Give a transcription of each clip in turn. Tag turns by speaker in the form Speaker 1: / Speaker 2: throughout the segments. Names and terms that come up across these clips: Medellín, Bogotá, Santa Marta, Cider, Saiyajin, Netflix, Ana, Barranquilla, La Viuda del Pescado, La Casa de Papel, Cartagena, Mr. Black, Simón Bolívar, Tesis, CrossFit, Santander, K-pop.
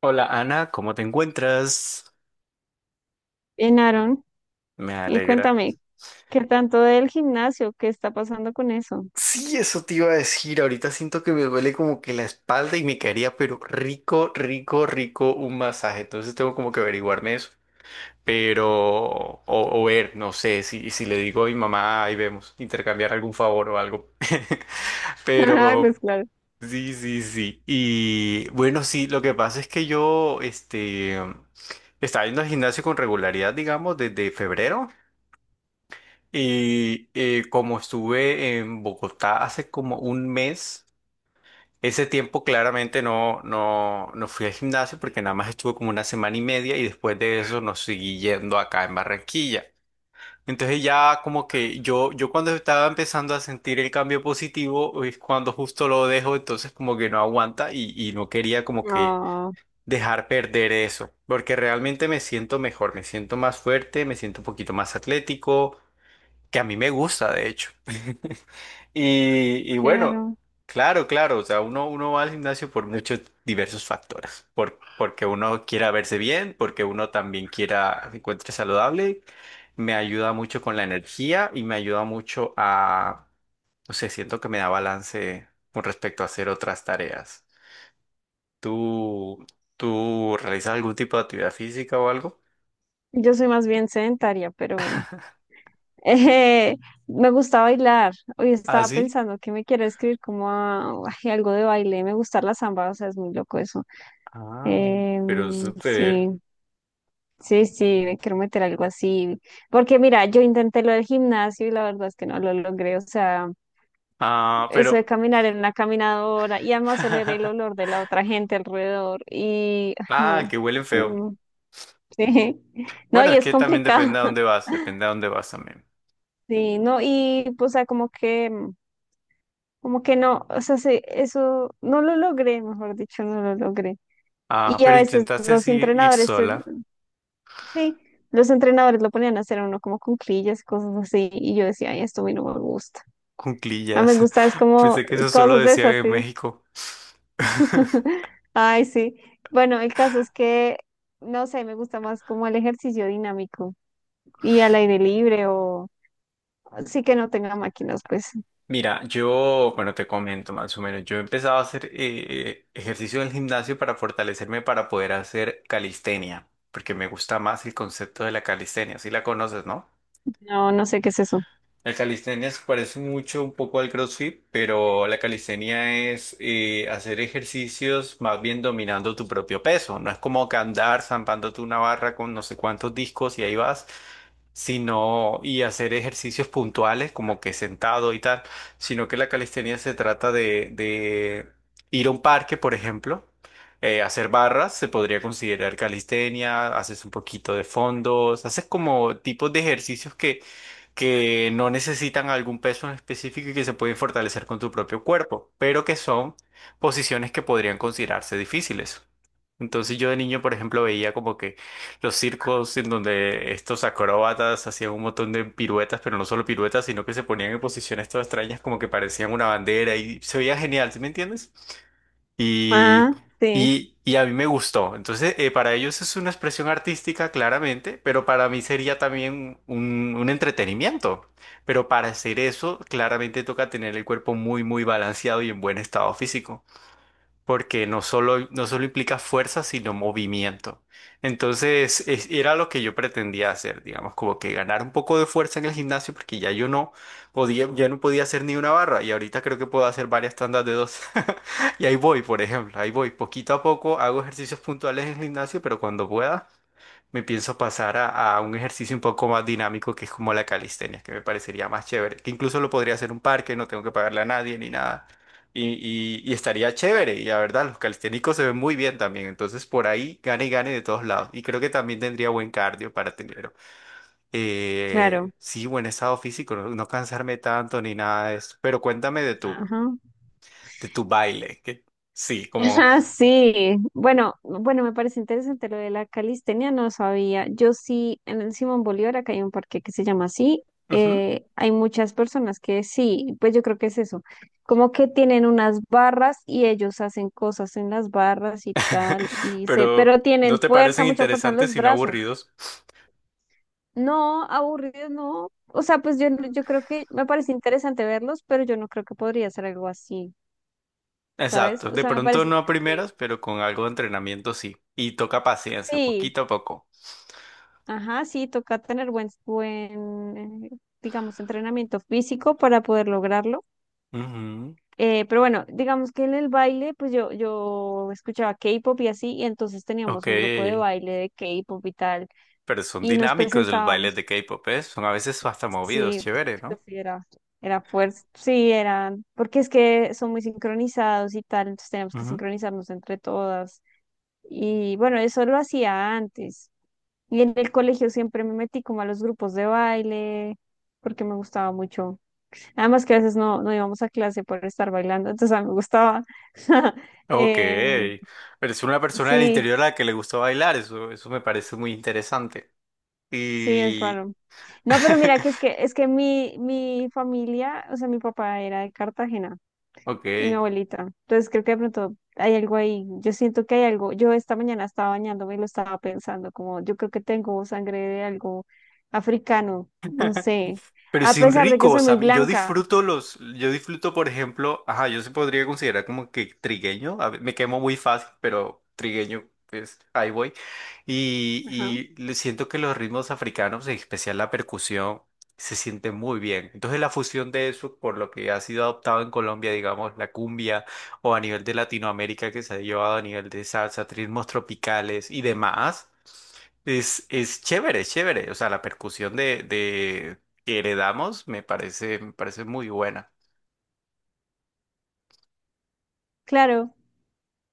Speaker 1: Hola Ana, ¿cómo te encuentras?
Speaker 2: Bien, Aaron,
Speaker 1: Me
Speaker 2: y
Speaker 1: alegra.
Speaker 2: cuéntame, ¿qué tanto del gimnasio? ¿Qué está pasando con eso?
Speaker 1: Sí, eso te iba a decir. Ahorita siento que me duele como que la espalda y me caería, pero rico, rico, rico un masaje. Entonces tengo como que averiguarme eso. Pero, o ver, no sé, si le digo a mi mamá, ahí vemos, intercambiar algún favor o algo.
Speaker 2: Ah,
Speaker 1: Pero,
Speaker 2: pues claro.
Speaker 1: sí, sí, sí. Y bueno, sí, lo que pasa es que yo, estaba yendo al gimnasio con regularidad, digamos, desde febrero. Como estuve en Bogotá hace como un mes, ese tiempo claramente no fui al gimnasio porque nada más estuve como una semana y media y después de eso nos seguí yendo acá en Barranquilla. Entonces ya como que yo cuando estaba empezando a sentir el cambio positivo es cuando justo lo dejo, entonces como que no aguanta y no quería como que
Speaker 2: No
Speaker 1: dejar perder eso, porque realmente me siento mejor, me siento más fuerte, me siento un poquito más atlético que a mí me gusta, de hecho. Y bueno,
Speaker 2: claro.
Speaker 1: claro, claro, o sea, uno va al gimnasio por muchos diversos factores, porque uno quiera verse bien, porque uno también quiera se encuentre saludable, me ayuda mucho con la energía y me ayuda mucho a, no sé, siento que me da balance con respecto a hacer otras tareas. ¿Tú, ¿tú realizas algún tipo de actividad física o algo?
Speaker 2: Yo soy más bien sedentaria, pero eh, me gusta bailar. Hoy
Speaker 1: ¿Ah,
Speaker 2: estaba
Speaker 1: sí?
Speaker 2: pensando que me quiero escribir como a, ay, algo de baile. Me gusta la samba, o sea, es muy loco eso.
Speaker 1: Ah, pero súper.
Speaker 2: Sí, sí, sí, me quiero meter algo así. Porque mira, yo intenté lo del gimnasio y la verdad es que no lo logré. O sea,
Speaker 1: Ah,
Speaker 2: eso de
Speaker 1: pero...
Speaker 2: caminar en una caminadora y además oler el olor de la otra gente alrededor y ay,
Speaker 1: Ah,
Speaker 2: no,
Speaker 1: que huelen feo.
Speaker 2: no, sí, no,
Speaker 1: Bueno,
Speaker 2: y
Speaker 1: es
Speaker 2: es
Speaker 1: que también
Speaker 2: complicado.
Speaker 1: depende a dónde vas, depende a dónde vas también.
Speaker 2: Sí, no, y pues, o sea, como que no, o sea, sí, eso no lo logré, mejor dicho, no lo logré.
Speaker 1: Ah,
Speaker 2: Y a
Speaker 1: pero
Speaker 2: veces
Speaker 1: intentaste
Speaker 2: los
Speaker 1: ir
Speaker 2: entrenadores,
Speaker 1: sola,
Speaker 2: sí, los entrenadores lo ponían a hacer a uno como cuclillas, cosas así, y yo decía, ay, esto a mí no me gusta. A mí me
Speaker 1: cuclillas.
Speaker 2: gusta es como
Speaker 1: Pensé que eso solo
Speaker 2: cosas de
Speaker 1: decía
Speaker 2: esas,
Speaker 1: en
Speaker 2: sí.
Speaker 1: México.
Speaker 2: Ay, sí. Bueno, el caso es que, no sé, me gusta más como el ejercicio dinámico y al aire libre o sí que no tenga máquinas, pues.
Speaker 1: Mira, yo, bueno, te comento más o menos, yo empezaba a hacer ejercicio en el gimnasio para fortalecerme para poder hacer calistenia, porque me gusta más el concepto de la calistenia, si la conoces, ¿no?
Speaker 2: No, no sé qué es eso.
Speaker 1: La calistenia se parece mucho un poco al CrossFit, pero la calistenia es hacer ejercicios más bien dominando tu propio peso. No es como que andar zampándote una barra con no sé cuántos discos y ahí vas, sino y hacer ejercicios puntuales como que sentado y tal, sino que la calistenia se trata de ir a un parque, por ejemplo. Hacer barras se podría considerar calistenia, haces un poquito de fondos, haces como tipos de ejercicios que no necesitan algún peso en específico y que se pueden fortalecer con tu propio cuerpo, pero que son posiciones que podrían considerarse difíciles. Entonces yo de niño, por ejemplo, veía como que los circos en donde estos acróbatas hacían un montón de piruetas, pero no solo piruetas, sino que se ponían en posiciones todas extrañas como que parecían una bandera y se veía genial, ¿sí me entiendes? Y,
Speaker 2: Ah, sí,
Speaker 1: y a mí me gustó. Entonces, para ellos es una expresión artística, claramente, pero para mí sería también un entretenimiento. Pero para hacer eso, claramente toca tener el cuerpo muy, muy balanceado y en buen estado físico porque no solo implica fuerza, sino movimiento. Entonces, era lo que yo pretendía hacer, digamos, como que ganar un poco de fuerza en el gimnasio, porque ya yo no podía, ya no podía hacer ni una barra, y ahorita creo que puedo hacer varias tandas de dos. Y ahí voy, por ejemplo, ahí voy, poquito a poco hago ejercicios puntuales en el gimnasio, pero cuando pueda me pienso pasar a un ejercicio un poco más dinámico que es como la calistenia, que me parecería más chévere, que incluso lo podría hacer en un parque, no tengo que pagarle a nadie ni nada. Y, y estaría chévere, y la verdad, los calisténicos se ven muy bien también, entonces por ahí gane y gane de todos lados. Y creo que también tendría buen cardio para tener,
Speaker 2: claro.
Speaker 1: sí, buen estado físico, no cansarme tanto ni nada de eso. Pero cuéntame de
Speaker 2: Ajá.
Speaker 1: de tu baile, que sí, como...
Speaker 2: Ah, sí. Bueno, bueno, me parece interesante lo de la calistenia, no sabía. Yo sí, en el Simón Bolívar, acá hay un parque que se llama así.
Speaker 1: ujú.
Speaker 2: Hay muchas personas que sí, pues yo creo que es eso. Como que tienen unas barras y ellos hacen cosas en las barras y tal, y se,
Speaker 1: Pero
Speaker 2: pero
Speaker 1: ¿no
Speaker 2: tienen
Speaker 1: te
Speaker 2: fuerza,
Speaker 1: parecen
Speaker 2: mucha fuerza en
Speaker 1: interesantes
Speaker 2: los
Speaker 1: sino
Speaker 2: brazos.
Speaker 1: aburridos?
Speaker 2: No, aburrido, no. O sea, pues yo, creo que me parece interesante verlos, pero yo no creo que podría hacer algo así, ¿sabes?
Speaker 1: Exacto,
Speaker 2: O
Speaker 1: de
Speaker 2: sea, me
Speaker 1: pronto
Speaker 2: parece
Speaker 1: no a
Speaker 2: chévere.
Speaker 1: primeras, pero con algo de entrenamiento sí. Y toca paciencia,
Speaker 2: Sí.
Speaker 1: poquito a poco.
Speaker 2: Ajá, sí, toca tener buen, eh, digamos, entrenamiento físico para poder lograrlo.
Speaker 1: Ujú.
Speaker 2: Pero bueno, digamos que en el baile, pues yo, escuchaba K-pop y así, y entonces
Speaker 1: Ok,
Speaker 2: teníamos un grupo de baile de K-pop y tal,
Speaker 1: pero son
Speaker 2: y nos
Speaker 1: dinámicos los bailes
Speaker 2: presentábamos.
Speaker 1: de K-pop, ¿eh? Son a veces hasta movidos,
Speaker 2: Sí,
Speaker 1: chévere,
Speaker 2: pues
Speaker 1: no.
Speaker 2: sí, era, era fuerza, sí, eran, porque es que son muy sincronizados y tal, entonces teníamos que
Speaker 1: Ujú.
Speaker 2: sincronizarnos entre todas. Y bueno, eso lo hacía antes. Y en el colegio siempre me metí como a los grupos de baile, porque me gustaba mucho. Además que a veces no, no íbamos a clase por estar bailando, entonces a mí me gustaba.
Speaker 1: Ok,
Speaker 2: Em,
Speaker 1: pero es una persona del
Speaker 2: sí,
Speaker 1: interior a la que le gusta bailar, eso me parece muy interesante.
Speaker 2: sí, es
Speaker 1: Y...
Speaker 2: raro. No, pero mira que es que es que mi, mi familia, o sea, mi papá era de Cartagena.
Speaker 1: Ok.
Speaker 2: Y mi abuelita. Entonces creo que de pronto hay algo ahí. Yo siento que hay algo. Yo esta mañana estaba bañándome y lo estaba pensando, como yo creo que tengo sangre de algo africano, no sé.
Speaker 1: Pero
Speaker 2: A
Speaker 1: sin
Speaker 2: pesar de que
Speaker 1: rico, o
Speaker 2: soy muy
Speaker 1: sea, yo
Speaker 2: blanca.
Speaker 1: disfruto los, yo disfruto, por ejemplo, ajá, yo se podría considerar como que trigueño, me quemo muy fácil, pero trigueño, pues ahí voy. Y,
Speaker 2: Ajá.
Speaker 1: y le siento que los ritmos africanos, en especial la percusión, se sienten muy bien. Entonces la fusión de eso, por lo que ha sido adoptado en Colombia, digamos, la cumbia, o a nivel de Latinoamérica que se ha llevado a nivel de salsa, ritmos tropicales y demás. Es chévere, es chévere. O sea, la percusión de que heredamos me parece muy buena.
Speaker 2: Claro.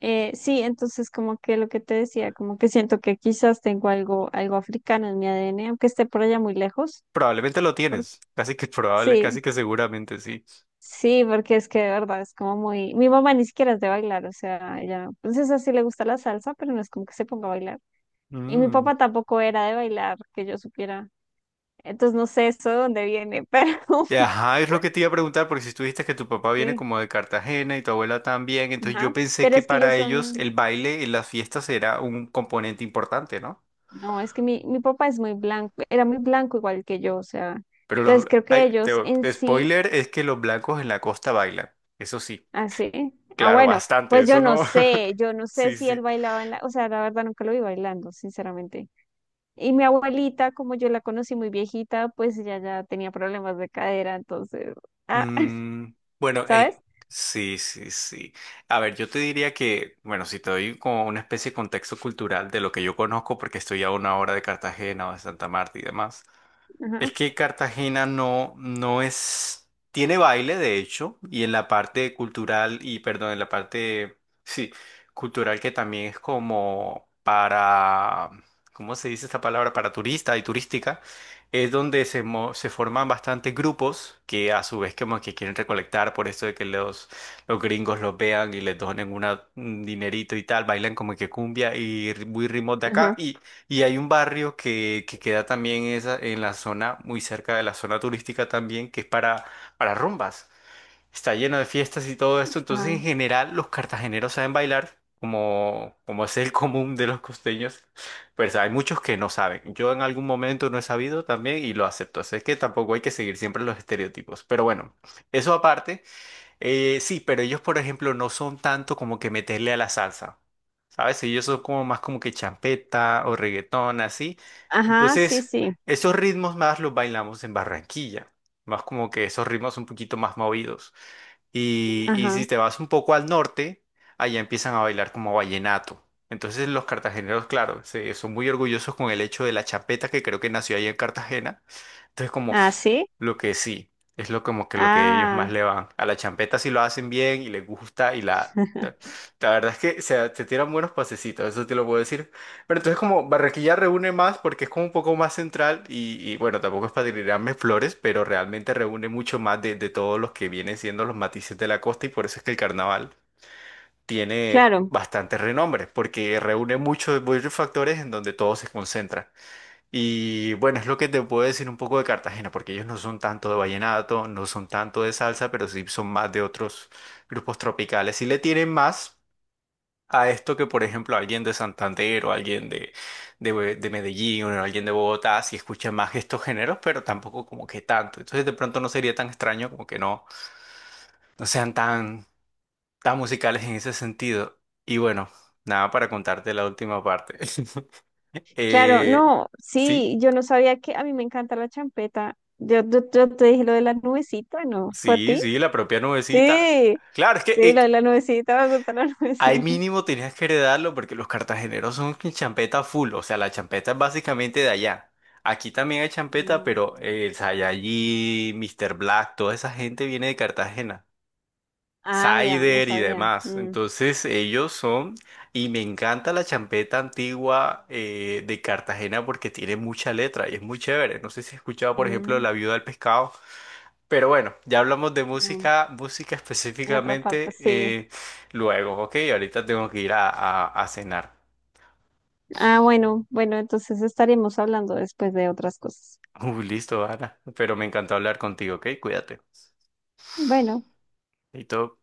Speaker 2: Sí, entonces como que lo que te decía, como que siento que quizás tengo algo, algo africano en mi ADN, aunque esté por allá muy lejos.
Speaker 1: Probablemente lo
Speaker 2: Por-
Speaker 1: tienes. Casi que probable, casi
Speaker 2: sí,
Speaker 1: que seguramente sí.
Speaker 2: sí, porque es que de verdad es como muy... Mi mamá ni siquiera es de bailar, o sea, ella, pues esa sí le gusta la salsa, pero no es como que se ponga a bailar. Y mi
Speaker 1: Mm.
Speaker 2: papá tampoco era de bailar, que yo supiera. Entonces no sé eso de dónde viene, pero
Speaker 1: Ajá, es lo que te iba a preguntar, porque si tú dijiste que tu papá viene
Speaker 2: sí.
Speaker 1: como de Cartagena y tu abuela también, entonces yo
Speaker 2: Ajá.
Speaker 1: pensé
Speaker 2: Pero
Speaker 1: que
Speaker 2: es que ellos
Speaker 1: para ellos
Speaker 2: son,
Speaker 1: el baile en las fiestas era un componente importante, ¿no?
Speaker 2: no, es que mi papá es muy blanco, era muy blanco igual que yo, o sea.
Speaker 1: Pero los...
Speaker 2: Entonces creo que
Speaker 1: Ay,
Speaker 2: ellos en sí,
Speaker 1: spoiler es que los blancos en la costa bailan. Eso sí,
Speaker 2: así. Ah,
Speaker 1: claro,
Speaker 2: bueno,
Speaker 1: bastante.
Speaker 2: pues
Speaker 1: Eso no.
Speaker 2: yo no sé
Speaker 1: Sí,
Speaker 2: si él
Speaker 1: sí.
Speaker 2: bailaba en la, o sea, la verdad nunca lo vi bailando, sinceramente. Y mi abuelita, como yo la conocí muy viejita, pues ella ya tenía problemas de cadera, entonces, ah,
Speaker 1: Mm, bueno,
Speaker 2: ¿sabes?
Speaker 1: sí, sí, sí. A ver, yo te diría que, bueno, si te doy como una especie de contexto cultural de lo que yo conozco, porque estoy a una hora de Cartagena o de Santa Marta y demás,
Speaker 2: Ajá,
Speaker 1: es que Cartagena no es, tiene baile de hecho, y en la parte cultural, y perdón, en la parte, sí, cultural que también es como para, ¿cómo se dice esta palabra? Para turista y turística, es donde se forman bastantes grupos que a su vez como que quieren recolectar por esto de que los gringos los vean y les donen un dinerito y tal, bailan como que cumbia muy ritmos de acá,
Speaker 2: ajá,
Speaker 1: y hay un barrio que queda también esa, en la zona, muy cerca de la zona turística también, que es para rumbas. Está lleno de fiestas y todo esto. Entonces,
Speaker 2: ajá,
Speaker 1: en general, los cartageneros saben bailar, como es el común de los costeños. Pues hay muchos que no saben. Yo en algún momento no he sabido también y lo acepto. Así es que tampoco hay que seguir siempre los estereotipos. Pero bueno, eso aparte. Sí, pero ellos, por ejemplo, no son tanto como que meterle a la salsa, ¿sabes? Ellos son como más como que champeta o reggaetón, así.
Speaker 2: ajá, sí,
Speaker 1: Entonces,
Speaker 2: sí.
Speaker 1: esos ritmos más los bailamos en Barranquilla, más como que esos ritmos un poquito más movidos. Y si
Speaker 2: Ajá.
Speaker 1: te vas un poco al norte, allá empiezan a bailar como vallenato. Entonces los cartageneros, claro, son muy orgullosos con el hecho de la champeta que creo que nació ahí en Cartagena. Entonces como
Speaker 2: Ah, sí.
Speaker 1: lo que sí, es lo como que lo que ellos
Speaker 2: Ah,
Speaker 1: más le van. A la champeta si lo hacen bien y les gusta y la... La la verdad es que se tiran buenos pasecitos, eso te lo puedo decir. Pero entonces como Barranquilla reúne más porque es como un poco más central y bueno, tampoco es para tirarme flores, pero realmente reúne mucho más de todos los que vienen siendo los matices de la costa y por eso es que el carnaval tiene
Speaker 2: claro,
Speaker 1: bastante renombre, porque reúne muchos, muchos factores en donde todo se concentra. Y bueno, es lo que te puedo decir un poco de Cartagena, porque ellos no son tanto de vallenato, no son tanto de salsa, pero sí son más de otros grupos tropicales. Y le tienen más a esto que, por ejemplo, alguien de Santander o alguien de Medellín o alguien de Bogotá, sí escucha más estos géneros, pero tampoco como que tanto. Entonces, de pronto no sería tan extraño como que no, no sean tan, tan musicales en ese sentido. Y bueno, nada para contarte la última parte.
Speaker 2: claro.
Speaker 1: eh,
Speaker 2: No,
Speaker 1: sí.
Speaker 2: sí, yo no sabía que a mí me encanta la champeta. Yo, te dije lo de la nubecita, ¿no? ¿Fue a
Speaker 1: Sí,
Speaker 2: ti?
Speaker 1: sí, la propia nubecita.
Speaker 2: Sí,
Speaker 1: Claro, es que
Speaker 2: sí, lo de la nubecita, me gusta la
Speaker 1: ahí
Speaker 2: nubecita.
Speaker 1: mínimo tenías que heredarlo porque los cartageneros son que champeta full, o sea, la champeta es básicamente de allá. Aquí también hay champeta,
Speaker 2: Mm.
Speaker 1: pero el Saiyajin, Mr. Black, toda esa gente viene de Cartagena.
Speaker 2: Ah, vea, no
Speaker 1: Cider y
Speaker 2: sabía.
Speaker 1: demás.
Speaker 2: Mm,
Speaker 1: Entonces ellos son, y me encanta la champeta antigua de Cartagena porque tiene mucha letra y es muy chévere. No sé si has escuchado, por ejemplo,
Speaker 2: mm,
Speaker 1: La Viuda del Pescado. Pero bueno, ya hablamos de
Speaker 2: no,
Speaker 1: música, música
Speaker 2: en otra parte,
Speaker 1: específicamente
Speaker 2: sí.
Speaker 1: luego, ¿ok? Ahorita tengo que ir a cenar.
Speaker 2: Ah, bueno, bueno, entonces estaremos hablando después de otras cosas.
Speaker 1: Uy, listo, Ana. Pero me encantó hablar contigo, ¿ok? Cuídate.
Speaker 2: Bueno.
Speaker 1: Y todo.